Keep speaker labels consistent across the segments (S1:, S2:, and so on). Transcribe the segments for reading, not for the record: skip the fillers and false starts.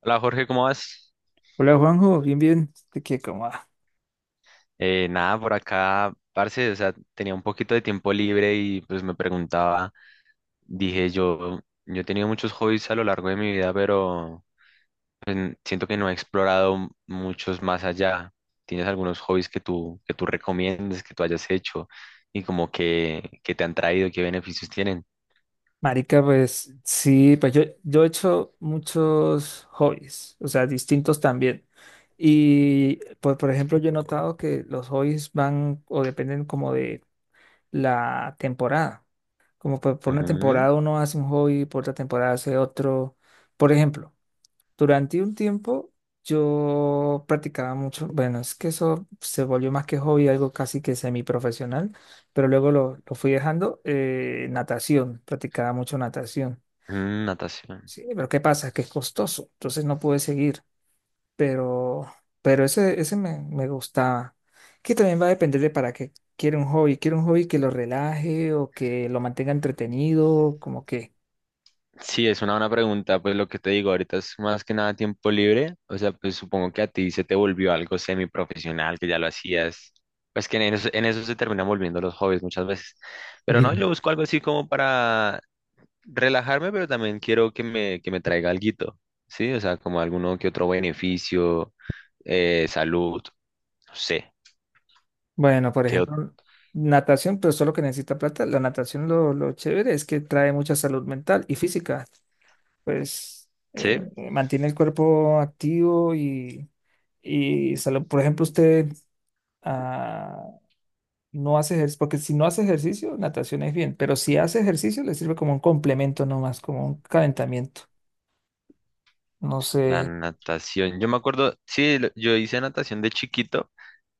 S1: Hola Jorge, ¿cómo vas?
S2: Hola Juanjo, bien, bien. Este, que como, ah,
S1: Nada, por acá, parce, o sea, tenía un poquito de tiempo libre y pues me preguntaba, dije yo, yo he tenido muchos hobbies a lo largo de mi vida, pero pues, siento que no he explorado muchos más allá. ¿Tienes algunos hobbies que tú recomiendes, que tú hayas hecho y como que te han traído, qué beneficios tienen?
S2: marica, pues sí, pues yo he hecho muchos hobbies, o sea, distintos también. Y pues, por ejemplo, yo he notado que los hobbies van o dependen como de la temporada. Como por una
S1: Ujú.
S2: temporada uno hace un hobby, por otra temporada hace otro. Por ejemplo, durante un tiempo yo practicaba mucho, bueno, es que eso se volvió más que hobby, algo casi que semiprofesional, pero luego lo fui dejando, natación, practicaba mucho natación.
S1: Natación.
S2: Sí, pero ¿qué pasa? Que es costoso, entonces no pude seguir, pero, pero ese me gustaba. Que también va a depender de para qué quiere un hobby que lo relaje o que lo mantenga entretenido, como que.
S1: Sí, es una buena pregunta, pues lo que te digo, ahorita es más que nada tiempo libre, o sea, pues supongo que a ti se te volvió algo semiprofesional, que ya lo hacías, pues que en eso, se terminan volviendo los hobbies muchas veces, pero no, yo busco algo así como para relajarme, pero también quiero que me traiga alguito, ¿sí? O sea, como alguno que otro beneficio, salud, no sé,
S2: Bueno, por
S1: que,
S2: ejemplo, natación, pero solo que necesita plata. La natación lo chévere es que trae mucha salud mental y física. Pues
S1: ¿sí?
S2: mantiene el cuerpo activo y salud. Por ejemplo, usted ah, no hace ejercicio, porque si no hace ejercicio, natación es bien, pero si hace ejercicio, le sirve como un complemento nomás, como un calentamiento. No
S1: La
S2: sé.
S1: natación. Yo me acuerdo, sí, yo hice natación de chiquito,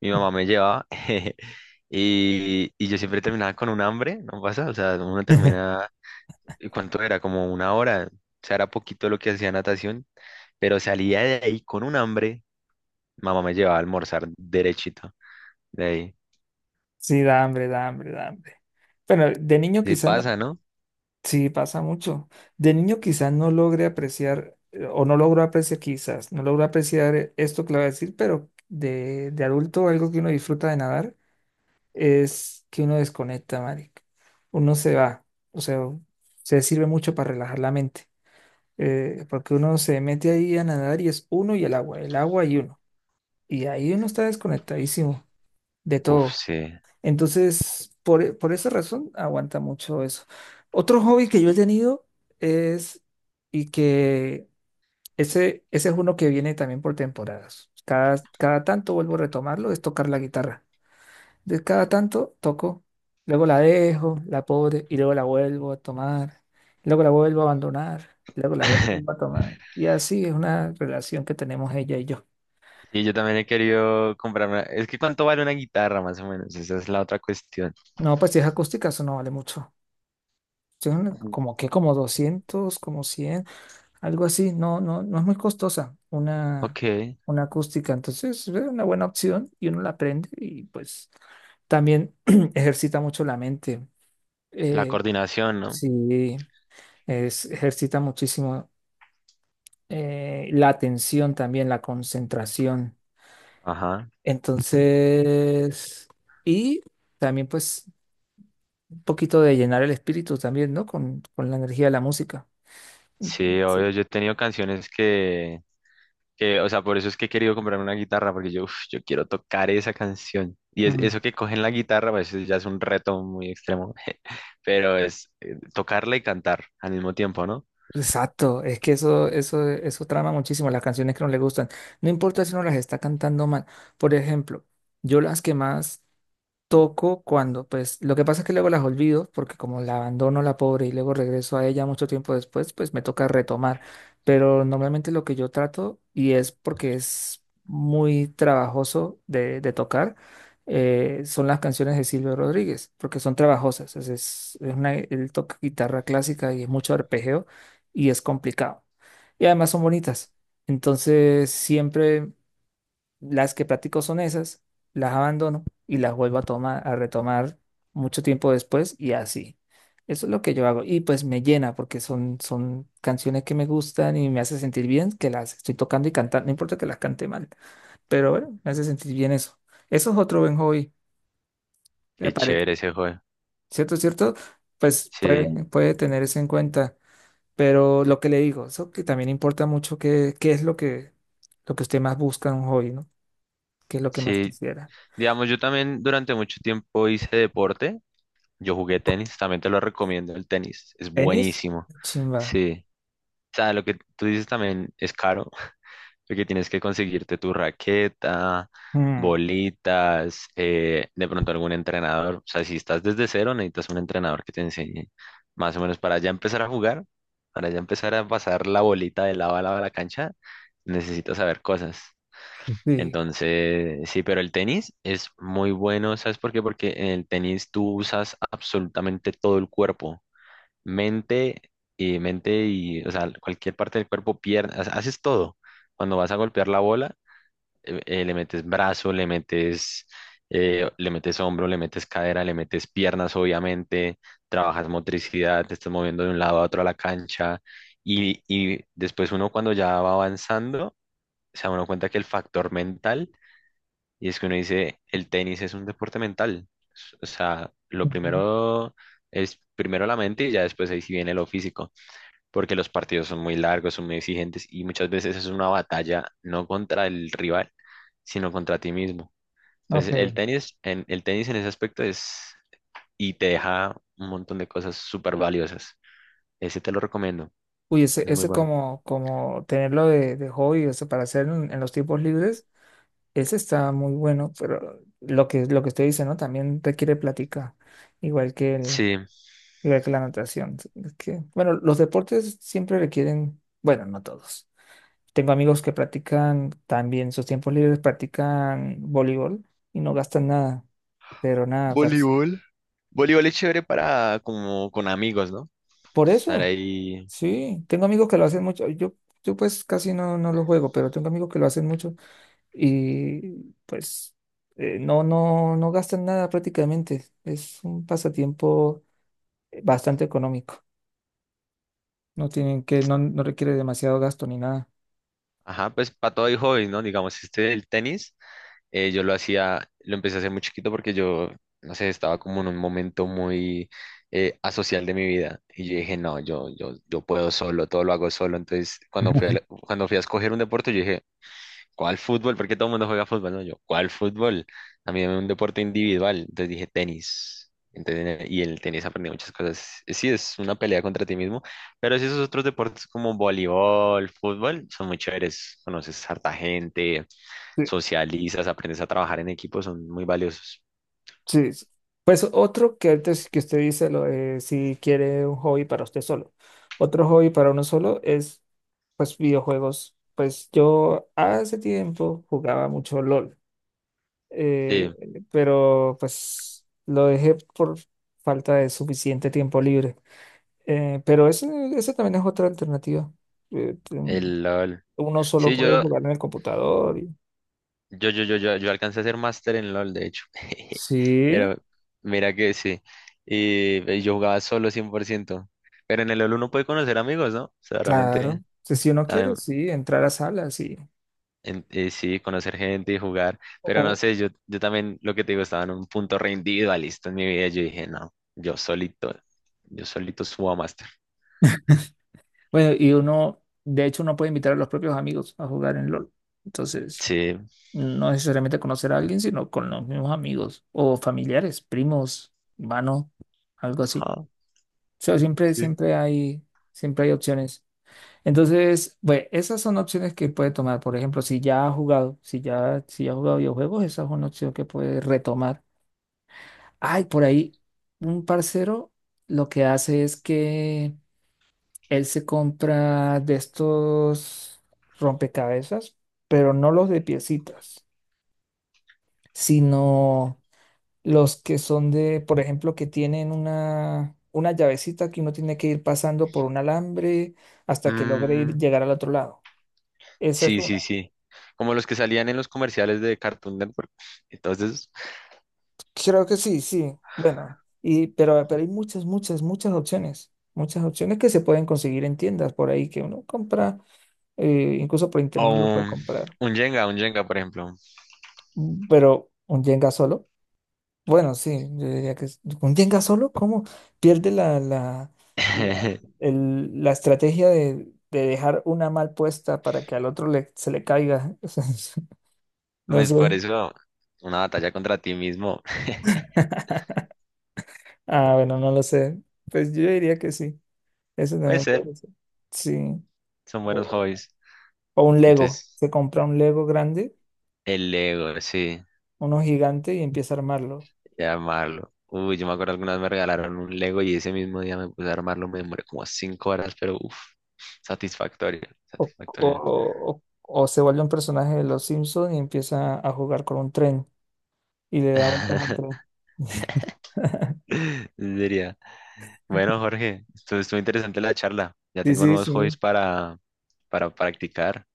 S1: mi mamá me llevaba y yo siempre terminaba con un hambre, ¿no pasa? O sea, uno termina, ¿y cuánto era? Como una hora, o sea, era poquito lo que hacía natación, pero salía de ahí con un hambre, mamá me llevaba a almorzar derechito de ahí.
S2: Sí, da hambre, da hambre, da hambre. Bueno, de niño
S1: Sí
S2: quizás no.
S1: pasa, ¿no?
S2: Sí, pasa mucho. De niño quizás no logre apreciar, o no logro apreciar quizás, no logro apreciar esto que le voy a decir, pero de adulto algo que uno disfruta de nadar es que uno desconecta, marica. Uno se va, o sea, se sirve mucho para relajar la mente, porque uno se mete ahí a nadar y es uno y el agua y uno. Y ahí uno está desconectadísimo de
S1: Uf,
S2: todo.
S1: sí.
S2: Entonces, por esa razón, aguanta mucho eso. Otro hobby que yo he tenido es, y que ese es uno que viene también por temporadas. Cada tanto vuelvo a retomarlo, es tocar la guitarra. De cada tanto toco, luego la dejo, la pobre, y luego la vuelvo a tomar, luego la vuelvo a abandonar, luego la vuelvo a tomar. Y así es una relación que tenemos ella y yo.
S1: Sí, yo también he querido comprarme, es que ¿cuánto vale una guitarra más o menos? Esa es la otra cuestión.
S2: No, pues si es acústica, eso no vale mucho. Son como que como 200 como 100, algo así, no, no, no es muy costosa una,
S1: Ok,
S2: una acústica, entonces es una buena opción y uno la aprende y pues también ejercita mucho la mente.
S1: la
S2: Eh,
S1: coordinación, ¿no?
S2: sí, ejercita muchísimo la atención también, la concentración.
S1: Ajá.
S2: Entonces, y también pues un poquito de llenar el espíritu también, ¿no? Con la energía de la música.
S1: Sí,
S2: Sí.
S1: obvio, yo he tenido canciones que, o sea, por eso es que he querido comprarme una guitarra, porque yo, uf, yo quiero tocar esa canción. Y es,
S2: Mm.
S1: eso que cogen la guitarra, pues eso ya es un reto muy extremo, pero es tocarla y cantar al mismo tiempo, ¿no?
S2: Exacto, es que eso trama muchísimo las canciones que no le gustan. No importa si no las está cantando mal. Por ejemplo, yo las que más toco cuando, pues, lo que pasa es que luego las olvido, porque como la abandono la pobre y luego regreso a ella mucho tiempo después, pues me toca retomar. Pero normalmente lo que yo trato, y es porque es muy trabajoso de tocar, son las canciones de Silvio Rodríguez, porque son trabajosas. Es una, él toca guitarra clásica y es mucho arpegio y es complicado. Y además son bonitas. Entonces, siempre las que practico son esas, las abandono y las vuelvo a tomar, a retomar mucho tiempo después y así. Eso es lo que yo hago y pues me llena porque son canciones que me gustan y me hace sentir bien que las estoy tocando y cantando, no importa que las cante mal, pero bueno, me hace sentir bien eso. Eso es otro buen hobby, me
S1: Qué chévere
S2: parece.
S1: ese juego.
S2: ¿Cierto, cierto? Pues
S1: Sí,
S2: puede tener eso en cuenta, pero lo que le digo, eso que también importa mucho qué es lo que usted más busca en un hobby, ¿no? ¿Qué es lo que más
S1: sí.
S2: quisiera?
S1: Digamos, yo también durante mucho tiempo hice deporte, yo jugué tenis, también te lo recomiendo el tenis, es
S2: ¿Tenis?
S1: buenísimo.
S2: Chimba.
S1: Sí. O sea, lo que tú dices también es caro, porque tienes que conseguirte tu raqueta,
S2: Mm,
S1: bolitas, de pronto algún entrenador. O sea, si estás desde cero, necesitas un entrenador que te enseñe más o menos para ya empezar a jugar, para ya empezar a pasar la bolita de lado a lado de la cancha, necesitas saber cosas.
S2: sí.
S1: Entonces, sí, pero el tenis es muy bueno, ¿sabes por qué? Porque en el tenis tú usas absolutamente todo el cuerpo, mente y mente y, o sea, cualquier parte del cuerpo, pierna, haces todo. Cuando vas a golpear la bola, le metes brazo, le metes hombro, le metes cadera, le metes piernas, obviamente, trabajas motricidad, te estás moviendo de un lado a otro a la cancha y después uno cuando ya va avanzando, se da uno cuenta que el factor mental, y es que uno dice, el tenis es un deporte mental. O sea, lo
S2: Ujú.
S1: primero es primero la mente y ya después ahí sí viene lo físico porque los partidos son muy largos, son muy exigentes y muchas veces es una batalla no contra el rival, sino contra ti mismo. Entonces,
S2: Ok.
S1: el tenis en ese aspecto es y te deja un montón de cosas súper valiosas. Ese te lo recomiendo,
S2: Uy, ese,
S1: es muy
S2: ese
S1: bueno.
S2: como tenerlo de hobby, o sea, para hacer en los tiempos libres, ese está muy bueno, pero lo que usted dice, ¿no? También requiere plática, igual que el,
S1: Sí,
S2: igual que la natación. Es que, bueno, los deportes siempre requieren, bueno, no todos. Tengo amigos que practican también, sus tiempos libres practican voleibol y no gastan nada, pero nada, parce.
S1: voleibol. Voleibol es chévere para como con amigos, ¿no?
S2: Por
S1: Estar
S2: eso.
S1: ahí,
S2: Sí, tengo amigos que lo hacen mucho. Yo pues casi no lo juego, pero tengo amigos que lo hacen mucho y pues no gastan nada prácticamente. Es un pasatiempo bastante económico. No tienen que, no requiere demasiado gasto ni nada.
S1: ajá, pues para todo hay hobbies, ¿no? Digamos, este el tenis. Yo lo hacía, lo empecé a hacer muy chiquito porque yo, no sé, estaba como en un momento muy asocial de mi vida. Y yo dije, no, yo puedo solo, todo lo hago solo. Entonces, cuando fui
S2: Ujú.
S1: cuando fui a escoger un deporte, yo dije, ¿cuál fútbol? Porque todo el mundo juega fútbol, ¿no? Yo, ¿cuál fútbol? A mí dame un deporte individual. Entonces dije, tenis. Entonces, y el tenis aprendí muchas cosas. Sí, es una pelea contra ti mismo, pero sí esos otros deportes como voleibol, fútbol, son muy chéveres. Conoces harta gente,
S2: Sí,
S1: socializas, aprendes a trabajar en equipo, son muy valiosos.
S2: sí. Sí. Pues otro que antes que usted dice lo, de si quiere un hobby para usted solo. Otro hobby para uno solo es pues videojuegos. Pues yo hace tiempo jugaba mucho LOL. eh,
S1: Sí,
S2: pero pues lo dejé por falta de suficiente tiempo libre. Pero ese también es otra alternativa. Eh, ten-
S1: el LOL.
S2: uno solo
S1: Sí,
S2: puede jugar en el computador.
S1: yo alcancé a ser máster en LOL, de hecho.
S2: Sí,
S1: Pero mira que sí. Y yo jugaba solo 100%. Pero en el LOL uno puede conocer amigos, ¿no? O sea,
S2: claro.
S1: realmente
S2: Si uno quiere,
S1: también,
S2: sí, entrar a salas y...
S1: sí, conocer gente y jugar. Pero no
S2: o-
S1: sé, yo también, lo que te digo, estaba en un punto re individualista en mi vida. Yo dije, no, yo solito subo a máster.
S2: bueno, y uno, de hecho, uno puede invitar a los propios amigos a jugar en LOL. Entonces,
S1: Sí.
S2: no necesariamente conocer a alguien, sino con los mismos amigos o familiares, primos, hermanos, algo así.
S1: Ajá.
S2: O sea, siempre,
S1: Sí.
S2: siempre hay, siempre hay opciones. Entonces, bueno, esas son opciones que puede tomar. Por ejemplo, si ya ha jugado, si ya, si ya ha jugado videojuegos, esa es una opción que puede retomar. Ay, por ahí, un parcero lo que hace es que él se compra de estos rompecabezas, pero no los de piecitas, sino los que son de, por ejemplo, que tienen una llavecita que uno tiene que ir pasando por un alambre hasta que logre ir, llegar al otro lado. Esa es
S1: Sí, sí,
S2: una.
S1: sí. Como los que salían en los comerciales de Cartoon Network. Entonces,
S2: Creo que sí, sí. Bueno, y, pero hay muchas, muchas, muchas opciones. Muchas opciones que se pueden conseguir en tiendas por ahí que uno compra, incluso por
S1: o
S2: internet lo puede
S1: un,
S2: comprar.
S1: un Jenga, por ejemplo.
S2: Pero un Jenga solo. Bueno, sí, yo diría que un Jenga solo, ¿cómo pierde la, la, la, el- la estrategia de dejar una mal puesta para que al otro se le caiga? O sea, no
S1: Pues
S2: sé.
S1: por eso, una batalla contra ti mismo.
S2: Ah, bueno, no lo sé. Pues yo diría que sí. Eso
S1: Puede
S2: también
S1: ser,
S2: puede ser. Sí.
S1: son buenos
S2: O,
S1: hobbies.
S2: o un Lego.
S1: Entonces,
S2: Se compra un Lego grande,
S1: el Lego, sí,
S2: uno gigante y empieza a armarlo.
S1: llamarlo. Uy, yo me acuerdo alguna vez me regalaron un Lego y ese mismo día me puse a armarlo, me demoré como 5 horas, pero uff, satisfactorio,
S2: O,
S1: satisfactorio.
S2: o, o, o se vuelve un personaje de los Simpsons y empieza a jugar con un tren y le da vueltas al tren.
S1: Diría. Bueno, Jorge, estuvo, estuvo interesante la charla. Ya
S2: Sí,
S1: tengo
S2: sí,
S1: nuevos hobbies
S2: sí.
S1: para practicar.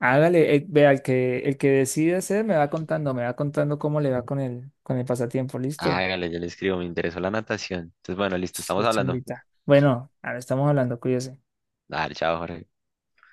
S2: Hágale, vea, el que decide hacer me va contando cómo le va con el pasatiempo, ¿listo?
S1: Hágale, yo le escribo, me interesó la natación. Entonces, bueno, listo, estamos
S2: Se
S1: hablando.
S2: invita. Bueno, ahora estamos hablando, cuídese.
S1: Dale, chao, Jorge.